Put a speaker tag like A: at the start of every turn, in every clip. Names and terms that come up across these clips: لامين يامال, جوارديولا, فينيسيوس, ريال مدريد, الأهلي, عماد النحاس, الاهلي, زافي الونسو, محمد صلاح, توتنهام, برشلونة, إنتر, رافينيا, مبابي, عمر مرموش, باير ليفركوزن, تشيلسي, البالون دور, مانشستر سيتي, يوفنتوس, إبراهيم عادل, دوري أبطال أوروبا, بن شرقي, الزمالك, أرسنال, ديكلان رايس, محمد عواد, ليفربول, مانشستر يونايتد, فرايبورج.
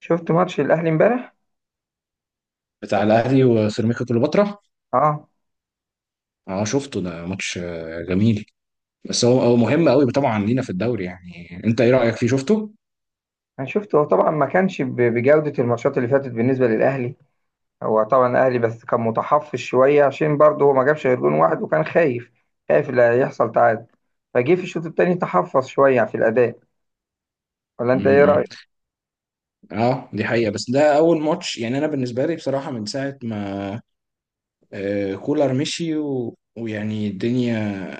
A: شفت ماتش الاهلي امبارح.
B: بتاع الاهلي وسيراميكا كليوباترا.
A: اه،
B: اه، شفته، ده ماتش جميل. بس هو مهم قوي طبعا لينا في الدوري، يعني انت ايه رايك فيه، شفته؟
A: انا شفته، هو طبعا ما كانش بجودة الماتشات اللي فاتت بالنسبة للاهلي. هو طبعا الاهلي بس كان متحفظ شوية، عشان برضه هو ما جابش غير جون واحد وكان خايف، خايف لا يحصل تعادل. فجه في الشوط التاني تحفظ شوية في الاداء، ولا انت ايه
B: امم.
A: رأيك؟
B: اه، دي حقيقه، بس ده اول ماتش، يعني انا بالنسبه لي بصراحه من ساعه ما كولر مشي ويعني الدنيا،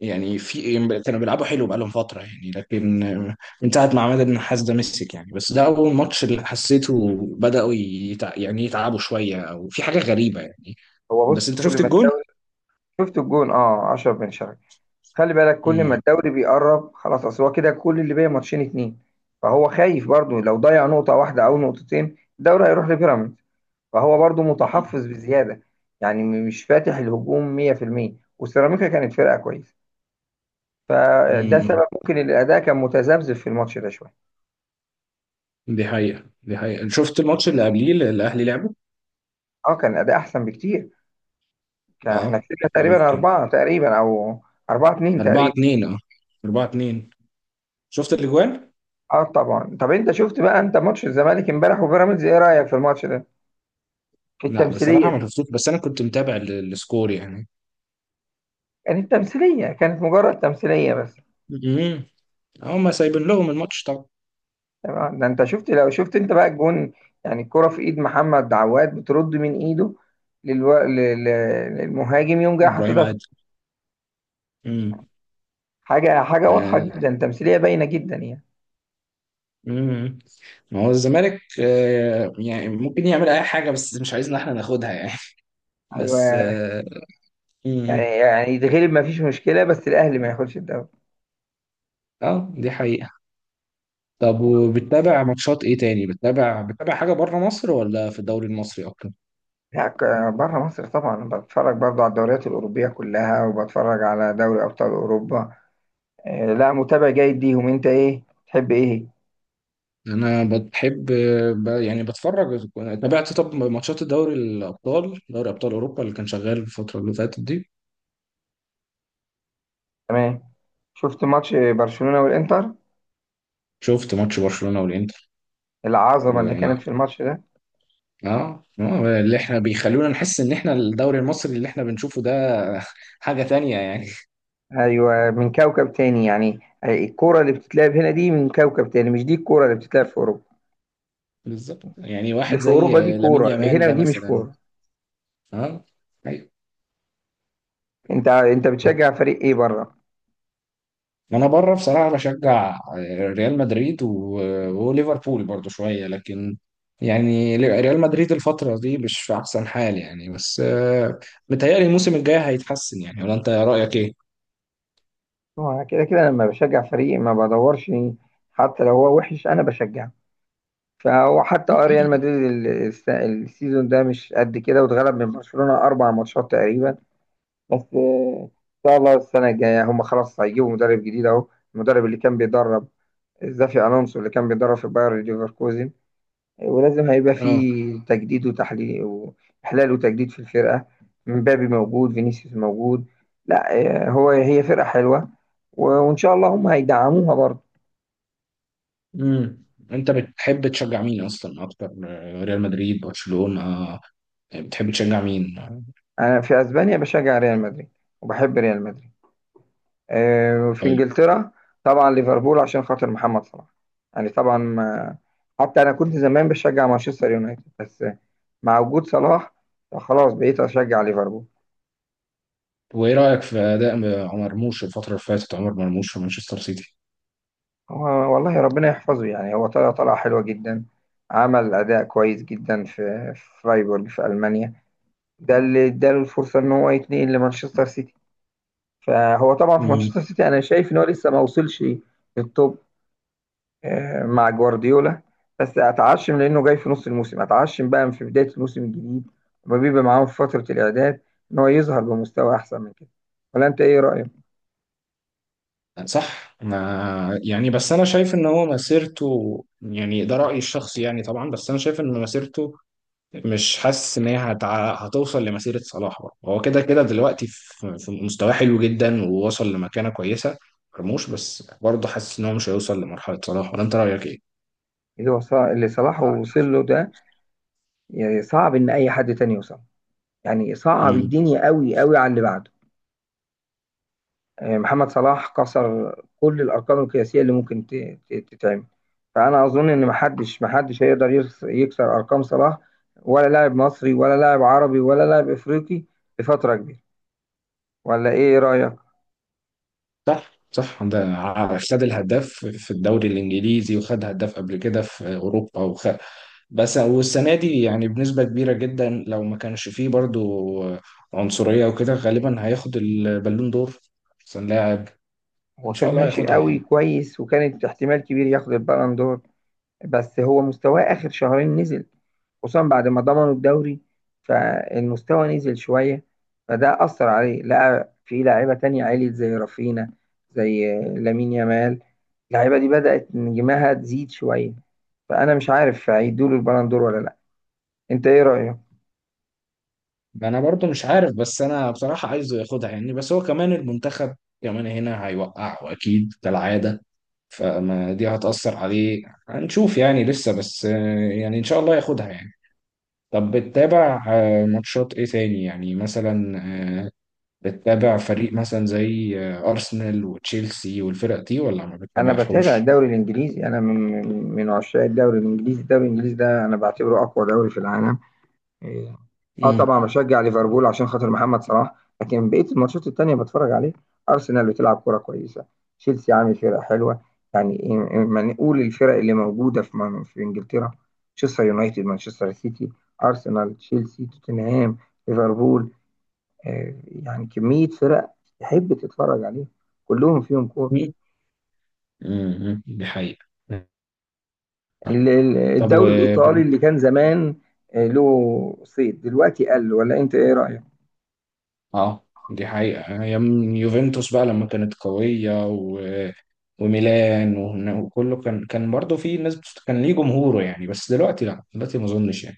B: يعني في إيه، كانوا بيلعبوا حلو بقالهم فتره يعني، لكن من ساعه ما عماد النحاس ده مسك، يعني بس ده اول ماتش اللي حسيته بداوا يعني يتعبوا شويه او في حاجه غريبه يعني.
A: هو
B: بس
A: بص،
B: انت
A: كل
B: شفت
A: ما
B: الجول؟
A: الدوري. شفت الجون؟ اه، 10 بن شرقي. خلي بالك كل ما الدوري بيقرب خلاص، اصل هو كده كل اللي باقي ماتشين اتنين، فهو خايف برضه لو ضيع نقطة واحدة او نقطتين الدوري هيروح لبيراميدز، فهو برضو
B: مم.
A: متحفظ بزيادة. يعني مش فاتح الهجوم 100%. وسيراميكا كانت فرقة كويسة، فده
B: مم.
A: سبب ممكن إن الأداء كان متذبذب في الماتش ده شوية.
B: دي حقيقة، شفت الماتش اللي قبليه اللي الأهلي لعبه؟
A: اه، كان الأداء أحسن بكتير، كان احنا
B: اه،
A: كسبنا تقريبا
B: ممكن.
A: أربعة تقريبا، أو أربعة اتنين
B: 4
A: تقريبا.
B: 2 اه، 4-2. شفت الأجوان؟
A: اه طبعا. طب انت شفت بقى انت ماتش الزمالك امبارح وبيراميدز، ايه رأيك في الماتش ده؟ في
B: لا
A: التمثيلية
B: بصراحة ما
A: دي.
B: شفتوش، بس أنا كنت متابع السكور يعني.
A: كانت تمثيلية، كانت مجرد تمثيلية بس.
B: امم. هم سايبين لهم الماتش طبعا.
A: تمام، ده انت شفت، لو شفت انت بقى الجون، يعني الكرة في ايد محمد عواد بترد من ايده للو... ل- للمهاجم يوم جاي
B: إبراهيم
A: حاططها في.
B: عادل. امم.
A: حاجة حاجة واضحة
B: آه.
A: جدا، تمثيلية باينة جدا يعني.
B: امم. ما هو الزمالك يعني ممكن يعمل أي حاجة، بس مش عايزنا احنا ناخدها يعني. بس
A: ايوه.
B: اه,
A: يعني
B: مم.
A: يعني يتغلب ما فيش مشكلة، بس الاهلي ما ياخدش الدوري.
B: آه. دي حقيقة. طب، وبتتابع ماتشات ايه تاني، بتتابع حاجة بره مصر ولا في الدوري المصري اكتر؟
A: لا بره مصر طبعا بتفرج برضو على الدوريات الاوروبية كلها، وبتفرج على دوري ابطال اوروبا. لا، متابع جيد ليهم. انت ايه تحب، ايه؟
B: انا بتحب، يعني بتفرج. تابعت طب ماتشات الدوري الابطال، دوري ابطال اوروبا اللي كان شغال الفترة اللي فاتت دي؟
A: تمام. شفت ماتش برشلونة والانتر،
B: شفت ماتش برشلونة والانتر.
A: العظمة
B: و...
A: اللي كانت في الماتش ده.
B: اه، اللي احنا بيخلونا نحس ان احنا الدوري المصري اللي احنا بنشوفه ده حاجة تانية يعني.
A: ايوه، من كوكب تاني يعني. الكوره اللي بتتلعب هنا دي من كوكب تاني، مش دي الكوره اللي بتتلعب في اوروبا.
B: بالظبط، يعني
A: اللي
B: واحد
A: في
B: زي
A: اوروبا دي
B: لامين
A: كوره، اللي
B: يامال
A: هنا
B: ده
A: دي مش
B: مثلا.
A: كوره.
B: اه. ايوه.
A: انت بتشجع فريق ايه بره؟
B: انا بره بصراحه بشجع ريال مدريد وليفربول برضو شويه، لكن يعني ريال مدريد الفتره دي مش في احسن حال يعني، بس متهيألي الموسم الجاي هيتحسن، يعني ولا انت رايك ايه؟
A: هو أنا كده كده لما بشجع فريق ما بدورش، حتى لو هو وحش انا بشجعه. فهو حتى آه، ريال مدريد السيزون ده مش قد كده، واتغلب من برشلونة اربع ماتشات تقريبا. بس ان شاء الله السنه الجايه هم خلاص هيجيبوا مدرب جديد، اهو المدرب اللي كان بيدرب، زافي الونسو اللي كان بيدرب في باير ليفركوزن. ولازم هيبقى
B: اه.
A: فيه تجديد وتحليل وإحلال وتجديد في الفرقة. مبابي موجود، فينيسيوس موجود. لا، هو هي فرقة حلوة، وإن شاء الله هم هيدعموها برضه.
B: امم. انت بتحب تشجع مين اصلا اكتر، ريال مدريد، برشلونه؟ بتحب تشجع مين؟
A: أنا في أسبانيا بشجع ريال مدريد وبحب ريال مدريد. في
B: طيب.
A: إنجلترا طبعا ليفربول عشان خاطر محمد صلاح. يعني طبعا ما، حتى أنا كنت زمان بشجع مانشستر يونايتد، بس مع وجود صلاح خلاص بقيت أشجع ليفربول.
B: وايه رايك في اداء عمر مرموش الفتره اللي فاتت، عمر مرموش في مانشستر سيتي؟
A: هو والله ربنا يحفظه، يعني هو طلع طلعة حلوة جدا، عمل أداء كويس جدا في فرايبورج في ألمانيا. ده اللي اداله الفرصة إن هو يتنقل لمانشستر سيتي. فهو طبعا في مانشستر سيتي أنا شايف إن هو لسه ما وصلش للتوب، مع جوارديولا. بس أتعشم لأنه جاي في نص الموسم، أتعشم بقى في بداية الموسم الجديد، لما بيبقى معاهم في فترة الإعداد، إن هو يظهر بمستوى أحسن من كده. ولا أنت إيه رأيك؟
B: صح، ما يعني بس انا شايف ان هو مسيرته، يعني ده رأيي الشخصي يعني طبعا، بس انا شايف ان مسيرته مش حاسس ان هي هتوصل لمسيرة صلاح. برضه هو كده كده دلوقتي في مستواه حلو جدا ووصل لمكانة كويسة. مرموش، بس برضه حاسس ان هو مش هيوصل لمرحلة صلاح، ولا انت رأيك ايه؟
A: اللي صلاح وصل له ده، يعني صعب إن أي حد تاني يوصل، يعني صعب
B: مم.
A: الدنيا قوي قوي على اللي بعده. محمد صلاح كسر كل الارقام القياسيه اللي ممكن تتعمل. فانا اظن ان محدش محدش هيقدر يكسر ارقام صلاح، ولا لاعب مصري ولا لاعب عربي ولا لاعب افريقي، لفتره كبيره. ولا ايه رايك؟
B: صح، صح، ده خد الهداف في الدوري الانجليزي، وخد هداف قبل كده في اوروبا، بس والسنه دي يعني بنسبه كبيره جدا، لو ما كانش فيه برضو عنصريه وكده، غالبا هياخد البالون دور، احسن لاعب.
A: هو
B: ان شاء
A: كان
B: الله
A: ماشي
B: هياخدها
A: قوي
B: يعني.
A: كويس، وكانت احتمال كبير ياخد البالون دور. بس هو مستواه آخر شهرين نزل، خصوصا بعد ما ضمنوا الدوري، فالمستوى نزل شوية، فده أثر عليه. لقى في لاعيبة تانية عليت زي رافينا، زي لامين يامال. اللعيبة دي بدأت نجمها تزيد شوية، فأنا مش عارف هيدوله البالندور ولا لأ. أنت إيه رأيك؟
B: انا برضو مش عارف، بس انا بصراحه عايزه ياخدها يعني، بس هو كمان المنتخب كمان هنا هيوقع واكيد كالعاده، فما دي هتأثر عليه. هنشوف يعني لسه، بس يعني ان شاء الله ياخدها يعني. طب، بتتابع ماتشات ايه تاني، يعني مثلا، آه، بتتابع فريق مثلا زي ارسنال وتشيلسي والفرق دي ولا ما
A: أنا بتابع
B: بتتابعهمش؟
A: الدوري الإنجليزي. أنا من من عشاق الدوري الإنجليزي. الدوري الإنجليزي ده أنا بعتبره أقوى دوري في العالم. اه
B: امم.
A: طبعا بشجع ليفربول عشان خاطر محمد صلاح، لكن بقيه الماتشات التانيه بتفرج عليه. ارسنال بتلعب كوره كويسه، تشيلسي عامل فرقه حلوه. يعني ما نقول الفرق اللي موجوده في في انجلترا: مانشستر يونايتد، مانشستر سيتي، ارسنال، تشيلسي، توتنهام، ليفربول. آه يعني كميه فرق تحب تتفرج عليهم، كلهم فيهم كوره.
B: دي حقيقة. طب و...
A: الدوري الايطالي اللي كان زمان له صيت، دلوقتي قل. ولا انت ايه رايك؟
B: اه، دي حقيقة، ايام يوفنتوس بقى لما كانت قوية وميلان وكله، كان برضه في ناس كان ليه جمهوره يعني، بس دلوقتي، لا، دلوقتي ما اظنش يعني.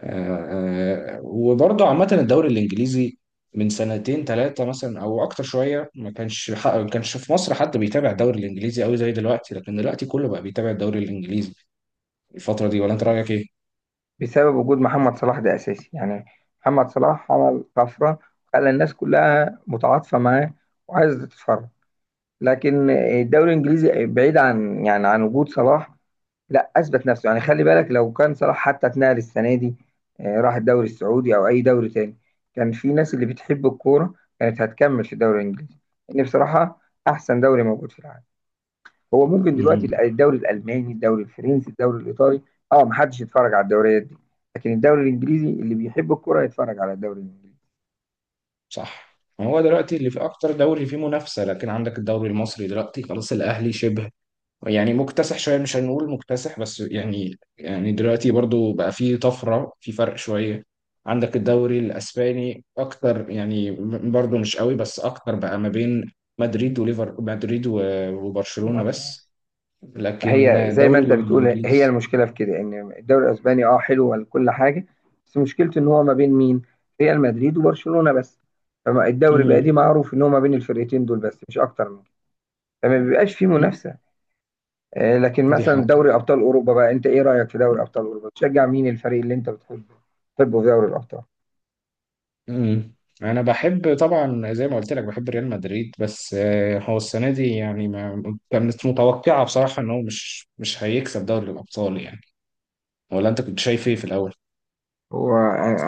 B: وبرضه عامة الدوري الإنجليزي من سنتين ثلاثة مثلا أو أكتر شوية، ما كانش في مصر حد بيتابع الدوري الإنجليزي أوي زي دلوقتي، لكن دلوقتي كله بقى بيتابع الدوري الإنجليزي الفترة دي. ولا أنت رأيك إيه؟
A: بسبب وجود محمد صلاح، ده اساسي يعني. محمد صلاح عمل طفره، خلى الناس كلها متعاطفه معاه وعايزه تتفرج. لكن الدوري الانجليزي بعيد عن، يعني عن وجود صلاح، لا اثبت نفسه. يعني خلي بالك لو كان صلاح حتى اتنقل السنه دي، راح الدوري السعودي او اي دوري تاني، كان في ناس اللي بتحب الكوره كانت هتكمل في الدوري الانجليزي، لان بصراحه احسن دوري موجود في العالم. هو ممكن دلوقتي
B: امم.
A: الدوري الالماني، الدوري الفرنسي، الدوري الايطالي، اه محدش يتفرج على الدوريات دي، لكن الدوري الانجليزي اللي بيحب الكرة يتفرج على الدوري الانجليزي.
B: صح، هو دلوقتي اللي في أكتر دوري فيه منافسة، لكن عندك الدوري المصري دلوقتي خلاص الأهلي شبه يعني مكتسح شويه، مش هنقول مكتسح بس يعني دلوقتي برضو بقى في طفره في فرق شويه. عندك الدوري الاسباني اكتر يعني، برضو مش قوي بس اكتر، بقى ما بين مدريد مدريد وبرشلونه
A: برشلونة.
B: بس. لكن
A: فهي زي ما
B: الدوري
A: انت بتقول، هي
B: الانجليزي.
A: المشكله في كده، ان الدوري الاسباني اه حلو وكل حاجه، بس مشكلته ان هو ما بين مين؟ ريال مدريد وبرشلونه بس. فالدوري بقى دي
B: امم.
A: معروف ان هو ما بين الفرقتين دول بس، مش اكتر من كده، فما بيبقاش فيه منافسه. لكن
B: دي
A: مثلا
B: حاجه.
A: دوري ابطال اوروبا بقى، انت ايه رايك في دوري ابطال اوروبا؟ تشجع مين الفريق اللي انت بتحبه، بتحبه في دوري الابطال؟
B: امم. انا بحب طبعا، زي ما قلت لك بحب ريال مدريد، بس هو السنه دي يعني ما كانت متوقعه بصراحه ان هو مش هيكسب دوري الابطال يعني. ولا انت كنت شايف ايه في الاول؟
A: هو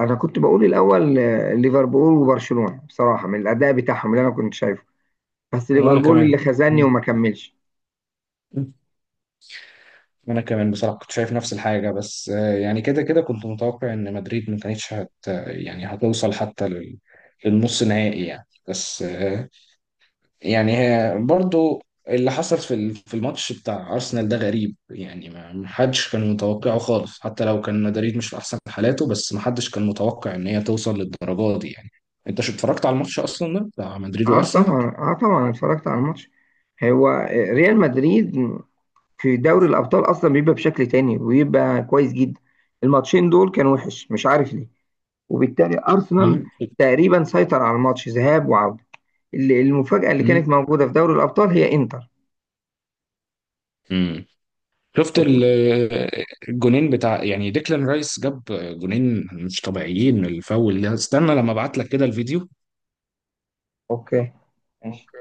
A: انا كنت بقول الاول ليفربول وبرشلونه بصراحه، من الاداء بتاعهم اللي انا كنت شايفه. بس
B: وانا
A: ليفربول
B: كمان.
A: اللي خزاني
B: مم.
A: وما كملش.
B: وانا كمان بصراحة كنت شايف نفس الحاجة، بس يعني كده كده كنت متوقع ان مدريد ما كانتش يعني هتوصل حتى للنص نهائي يعني، بس يعني هي برضو اللي حصل في في الماتش بتاع ارسنال ده غريب يعني، ما حدش كان متوقعه خالص، حتى لو كان مدريد مش في احسن حالاته، بس ما حدش كان متوقع ان هي توصل للدرجة دي يعني. انت شو اتفرجت على الماتش اصلا ده بتاع مدريد
A: اه
B: وارسنال؟
A: طبعا، اه طبعا أنا اتفرجت على الماتش. هو ريال مدريد في دوري الابطال اصلا بيبقى بشكل تاني، ويبقى كويس جدا. الماتشين دول كان وحش، مش عارف ليه. وبالتالي ارسنال
B: مم.
A: تقريبا سيطر على الماتش ذهاب وعوده. المفاجاه اللي
B: مم.
A: كانت موجوده في دوري الابطال هي انتر.
B: مم. شفت الجونين بتاع يعني ديكلان رايس، جاب جونين مش طبيعيين. الفاول ده استنى لما ابعت لك كده الفيديو.
A: اوكي، ماشي.